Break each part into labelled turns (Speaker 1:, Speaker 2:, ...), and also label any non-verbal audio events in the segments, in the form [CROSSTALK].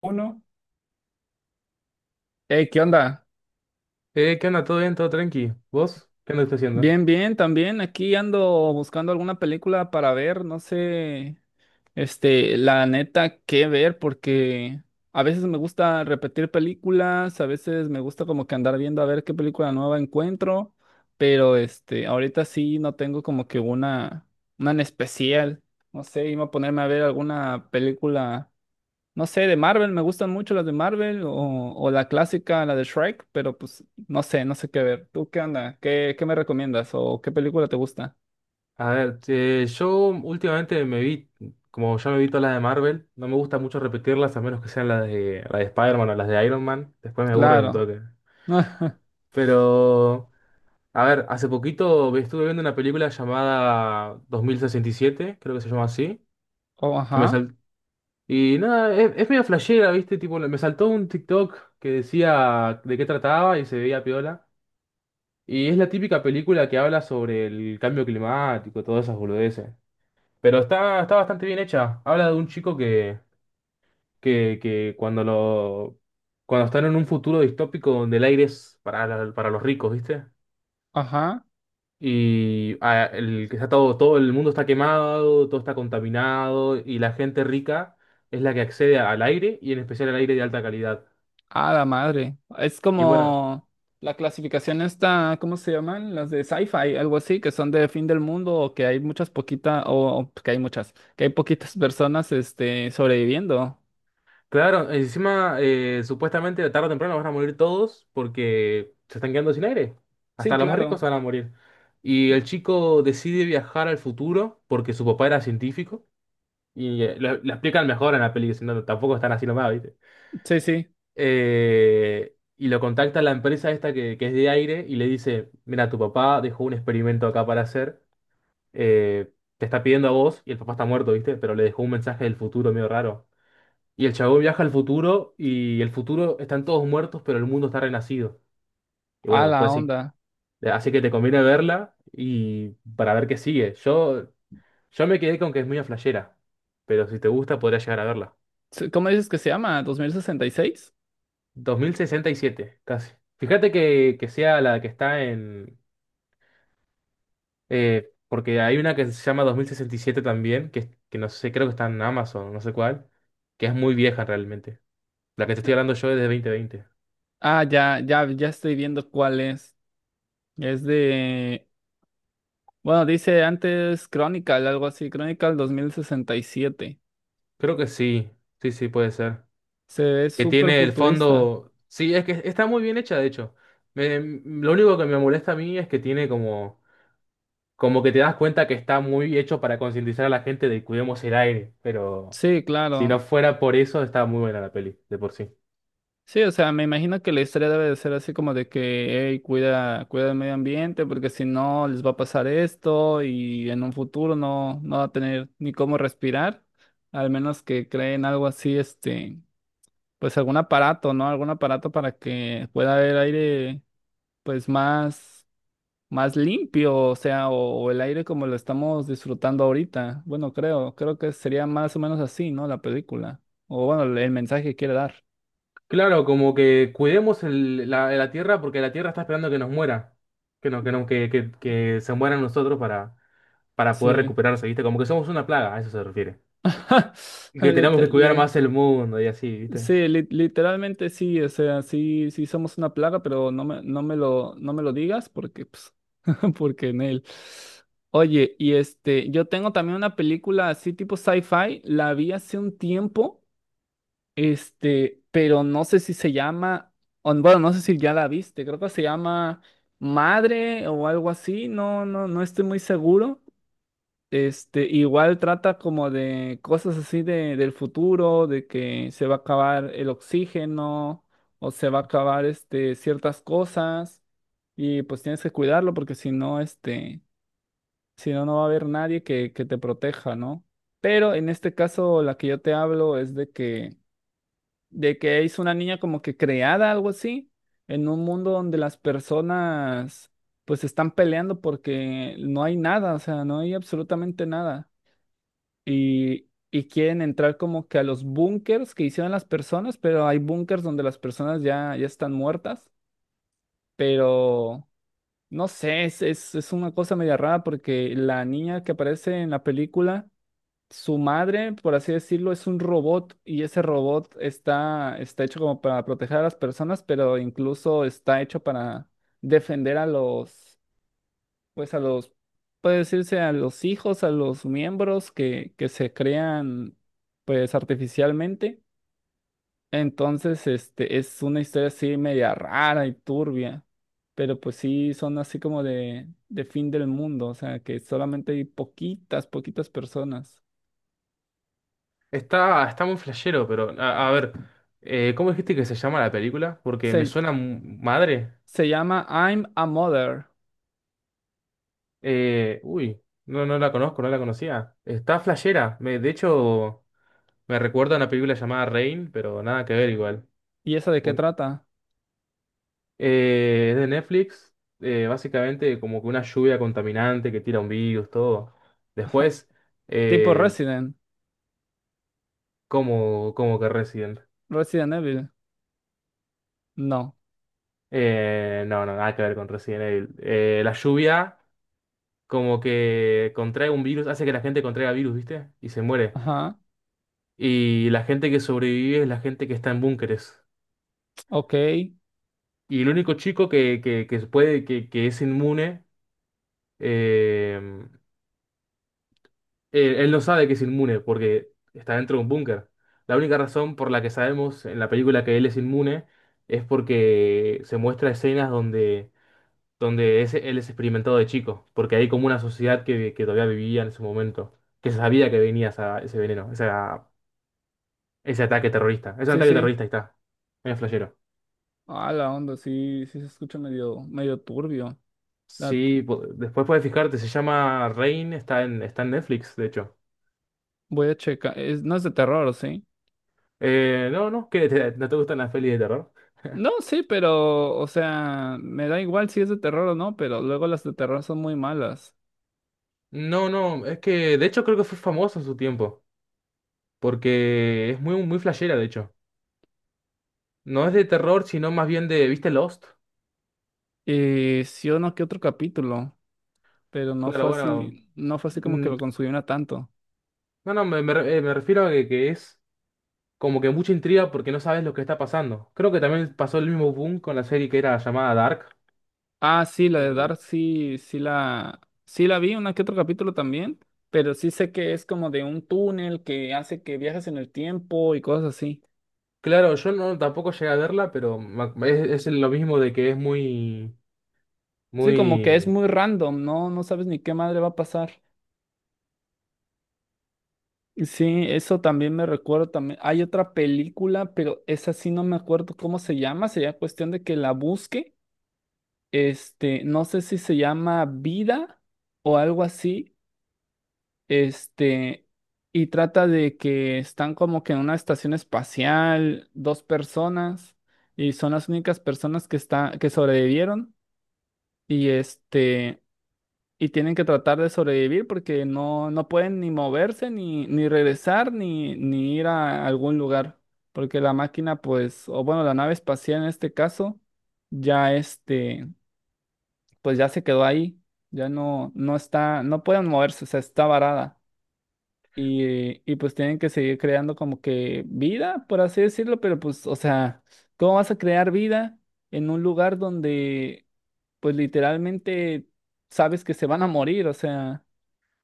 Speaker 1: Uno. Hey, ¿qué onda?
Speaker 2: ¿Qué onda? ¿Todo bien? ¿Todo tranqui? ¿Vos? ¿Qué andas haciendo?
Speaker 1: Bien, bien, también. Aquí ando buscando alguna película para ver, no sé, la neta, qué ver, porque a veces me gusta repetir películas, a veces me gusta como que andar viendo a ver qué película nueva encuentro, pero ahorita sí no tengo como que una en especial. No sé, iba a ponerme a ver alguna película. No sé, de Marvel, me gustan mucho las de Marvel o la clásica, la de Shrek, pero pues no sé, no sé qué ver. ¿Tú qué onda? ¿Qué me recomiendas? ¿O qué película te gusta?
Speaker 2: A ver, yo últimamente como ya me vi todas las de Marvel. No me gusta mucho repetirlas a menos que sean la de Spider-Man o las de Iron Man. Después me aburren un
Speaker 1: Claro.
Speaker 2: toque.
Speaker 1: [LAUGHS]
Speaker 2: Pero, a ver, hace poquito estuve viendo una película llamada 2067, creo que se llama así,
Speaker 1: Oh,
Speaker 2: que me
Speaker 1: ajá,
Speaker 2: sal- y nada, es medio flashera, ¿viste? Tipo, me saltó un TikTok que decía de qué trataba y se veía piola. Y es la típica película que habla sobre el cambio climático, todas esas boludeces. Pero está bastante bien hecha. Habla de un chico que cuando están en un futuro distópico donde el aire es para los ricos, ¿viste?
Speaker 1: ajá.
Speaker 2: Y ah, el que está todo, Todo el mundo está quemado, todo está contaminado, y la gente rica es la que accede al aire, y en especial al aire de alta calidad.
Speaker 1: Ah, la madre. Es
Speaker 2: Y bueno.
Speaker 1: como la clasificación esta, ¿cómo se llaman? Las de sci-fi, algo así, que son de fin del mundo o que hay muchas poquitas, o que hay muchas, que hay poquitas personas sobreviviendo.
Speaker 2: Claro, encima supuestamente tarde o temprano van a morir todos porque se están quedando sin aire.
Speaker 1: Sí,
Speaker 2: Hasta los más ricos
Speaker 1: claro.
Speaker 2: van a morir. Y el chico decide viajar al futuro porque su papá era científico y lo explican mejor en la peli, si no, tampoco están así nomás, ¿viste?
Speaker 1: Sí, sí.
Speaker 2: Y lo contacta la empresa esta que es de aire y le dice, mira, tu papá dejó un experimento acá para hacer, te está pidiendo a vos y el papá está muerto, ¿viste? Pero le dejó un mensaje del futuro medio raro. Y el chabón viaja al futuro y el futuro están todos muertos, pero el mundo está renacido. Y bueno,
Speaker 1: A la
Speaker 2: después sí,
Speaker 1: onda.
Speaker 2: así que te conviene verla y para ver qué sigue. Yo me quedé con que es muy flashera, pero si te gusta podrías llegar a verla.
Speaker 1: ¿Cómo dices que se llama? 2066.
Speaker 2: 2067 casi. Fíjate que sea la que está en... Porque hay una que se llama 2067 también, que no sé, creo que está en Amazon, no sé cuál, que es muy vieja realmente. La que te estoy hablando yo es de 2020.
Speaker 1: Ah, ya, ya, ya estoy viendo cuál es. Es de, bueno, dice antes Chronicle, algo así, Chronicle 2067.
Speaker 2: Creo que sí, sí, sí, puede ser.
Speaker 1: Se ve
Speaker 2: Que
Speaker 1: súper
Speaker 2: tiene el
Speaker 1: futurista.
Speaker 2: fondo. Sí, es que está muy bien hecha, de hecho. Lo único que me molesta a mí es que tiene como que te das cuenta que está muy hecho para concientizar a la gente de cuidemos el aire, pero
Speaker 1: Sí,
Speaker 2: si
Speaker 1: claro.
Speaker 2: no fuera por eso, está muy buena la peli, de por sí.
Speaker 1: Sí, o sea, me imagino que la historia debe de ser así como de que, hey, cuida, cuida el medio ambiente, porque si no les va a pasar esto y en un futuro no, no va a tener ni cómo respirar, al menos que creen algo así, Pues algún aparato, ¿no? Algún aparato para que pueda haber aire, pues más, más limpio, o sea, o el aire como lo estamos disfrutando ahorita. Bueno, creo, creo que sería más o menos así, ¿no? La película. O bueno, el mensaje que quiere dar.
Speaker 2: Claro, como que cuidemos la tierra porque la tierra está esperando que nos muera, que, no, que, no, que se mueran nosotros para poder
Speaker 1: Sí.
Speaker 2: recuperarse, ¿viste? Como que somos una plaga, a eso se refiere.
Speaker 1: [LAUGHS]
Speaker 2: Que tenemos
Speaker 1: Lite-
Speaker 2: que cuidar
Speaker 1: le-
Speaker 2: más el mundo y así, ¿viste?
Speaker 1: sí, literalmente sí, o sea, sí, sí somos una plaga, pero no me lo digas porque pues, [LAUGHS] porque en él. Oye, y yo tengo también una película así tipo sci-fi, la vi hace un tiempo, pero no sé si se llama, o bueno, no sé si ya la viste, creo que se llama Madre o algo así, no, no, no estoy muy seguro. Igual trata como de cosas así de, del futuro, de que se va a acabar el oxígeno o se va a acabar ciertas cosas y pues tienes que cuidarlo porque si no, si no, no va a haber nadie que te proteja, ¿no? Pero en este caso, la que yo te hablo es de que es una niña como que creada, algo así, en un mundo donde las personas pues están peleando porque no hay nada, o sea, no hay absolutamente nada. Y quieren entrar como que a los búnkers que hicieron las personas, pero hay búnkers donde las personas ya, ya están muertas, pero no sé, es una cosa media rara porque la niña que aparece en la película su madre, por así decirlo, es un robot y ese robot está, está hecho como para proteger a las personas, pero incluso está hecho para defender a los, pues a los, puede decirse, a los hijos, a los miembros que se crean, pues artificialmente. Entonces, es una historia así media rara y turbia, pero pues sí son así como de fin del mundo, o sea, que solamente hay poquitas, poquitas personas.
Speaker 2: Está muy flashero. Pero a ver, ¿cómo dijiste que se llama la película? Porque me
Speaker 1: Se-
Speaker 2: suena madre.
Speaker 1: Se llama I'm a Mother.
Speaker 2: Uy, no, no la conozco, no la conocía. Está flashera. De hecho, me recuerda a una película llamada Rain, pero nada que ver igual.
Speaker 1: ¿Y esa de qué
Speaker 2: Uy.
Speaker 1: trata?
Speaker 2: Es de Netflix. Básicamente como que una lluvia contaminante que tira un virus, todo. Después,
Speaker 1: Tipo
Speaker 2: eh,
Speaker 1: Resident.
Speaker 2: como que Resident.
Speaker 1: Resident Evil. No.
Speaker 2: No, no, nada que ver con Resident Evil. La lluvia como que contrae un virus, hace que la gente contraiga virus, ¿viste? Y se muere.
Speaker 1: Ajá.
Speaker 2: Y la gente que sobrevive es la gente que está en búnkeres.
Speaker 1: Ok.
Speaker 2: Y el único chico que puede, que es inmune. Eh, él, él no sabe que es inmune porque está dentro de un búnker. La única razón por la que sabemos en la película que él es inmune es porque se muestra escenas donde él es experimentado de chico, porque hay como una sociedad que todavía vivía en ese momento, que sabía que venía ese veneno. Ese ataque terrorista. Es un
Speaker 1: Sí,
Speaker 2: ataque
Speaker 1: sí.
Speaker 2: terrorista, ahí está. Es flashero.
Speaker 1: Ah, la onda, sí, sí se escucha medio, medio turbio. La-
Speaker 2: Sí, después puedes fijarte, se llama Rain, está en Netflix, de hecho.
Speaker 1: Voy a checar. ¿No es de terror, sí?
Speaker 2: No, no, no te gustan las pelis de terror.
Speaker 1: No, sí, pero, o sea, me da igual si es de terror o no, pero luego las de terror son muy malas.
Speaker 2: No, no, es que de hecho creo que fue famoso en su tiempo, porque es muy, muy flashera, de hecho. No es de terror, sino más bien de, ¿viste Lost?
Speaker 1: Sí o no, que otro capítulo, pero no
Speaker 2: Claro,
Speaker 1: fue
Speaker 2: bueno.
Speaker 1: así, no fue así como que
Speaker 2: mm,
Speaker 1: lo consumiera tanto.
Speaker 2: No, no, me refiero a que es como que mucha intriga porque no sabes lo que está pasando. Creo que también pasó el mismo boom con la serie que era llamada Dark.
Speaker 1: Ah, sí, la de Dark sí, sí la vi, una que otro capítulo también, pero sí sé que es como de un túnel que hace que viajes en el tiempo y cosas así.
Speaker 2: Claro, yo no tampoco llegué a verla, pero es lo mismo de que es muy,
Speaker 1: Sí, como que es
Speaker 2: muy,
Speaker 1: muy random, ¿no? No sabes ni qué madre va a pasar. Y sí, eso también me recuerdo también. Hay otra película, pero esa sí no me acuerdo cómo se llama, sería cuestión de que la busque. No sé si se llama Vida o algo así. Este, y trata de que están como que en una estación espacial, dos personas, y son las únicas personas que está, que sobrevivieron, y y tienen que tratar de sobrevivir porque no, no pueden ni moverse, ni, ni regresar, ni, ni ir a algún lugar. Porque la máquina, pues, o bueno, la nave espacial en este caso, ya pues ya se quedó ahí, ya no, no está, no pueden moverse, o sea, está varada. Y pues tienen que seguir creando como que vida, por así decirlo, pero pues, o sea, ¿cómo vas a crear vida en un lugar donde, pues literalmente sabes que se van a morir? O sea,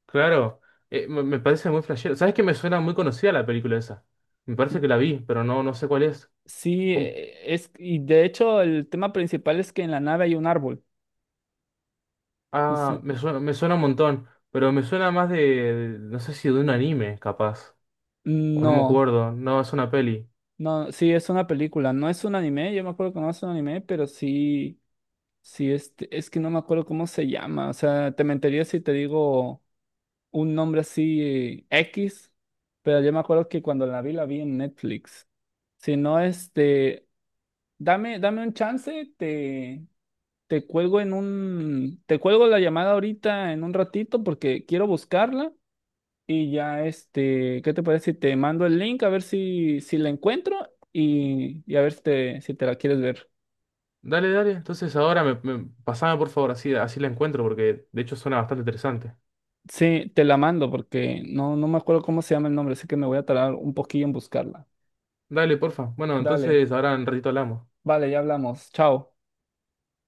Speaker 2: claro, me parece muy flashero. ¿Sabes que me suena muy conocida la película esa? Me parece que la vi, pero no, no sé cuál es.
Speaker 1: sí,
Speaker 2: ¿Cómo?
Speaker 1: es, y de hecho el tema principal es que en la nave hay un árbol. O sea,
Speaker 2: Ah, me suena un montón, pero me suena más no sé si de un anime, capaz, o no me
Speaker 1: no,
Speaker 2: acuerdo. No, es una peli.
Speaker 1: no, sí, es una película, no es un anime, yo me acuerdo que no es un anime, pero sí, sí, es que no me acuerdo cómo se llama, o sea, te mentiría si te digo un nombre así X, pero yo me acuerdo que cuando la vi en Netflix. Si no, dame, dame un chance, te, te cuelgo la llamada ahorita en un ratito porque quiero buscarla y ya, ¿qué te parece si te mando el link a ver si, si la encuentro y a ver si te, si te la quieres ver?
Speaker 2: Dale, dale. Entonces ahora pasame por favor, así la encuentro, porque de hecho suena bastante interesante.
Speaker 1: Sí, te la mando porque no, no me acuerdo cómo se llama el nombre, así que me voy a tardar un poquillo en buscarla.
Speaker 2: Dale, porfa. Bueno,
Speaker 1: Dale,
Speaker 2: entonces ahora en ratito hablamos.
Speaker 1: vale, ya hablamos. Chao.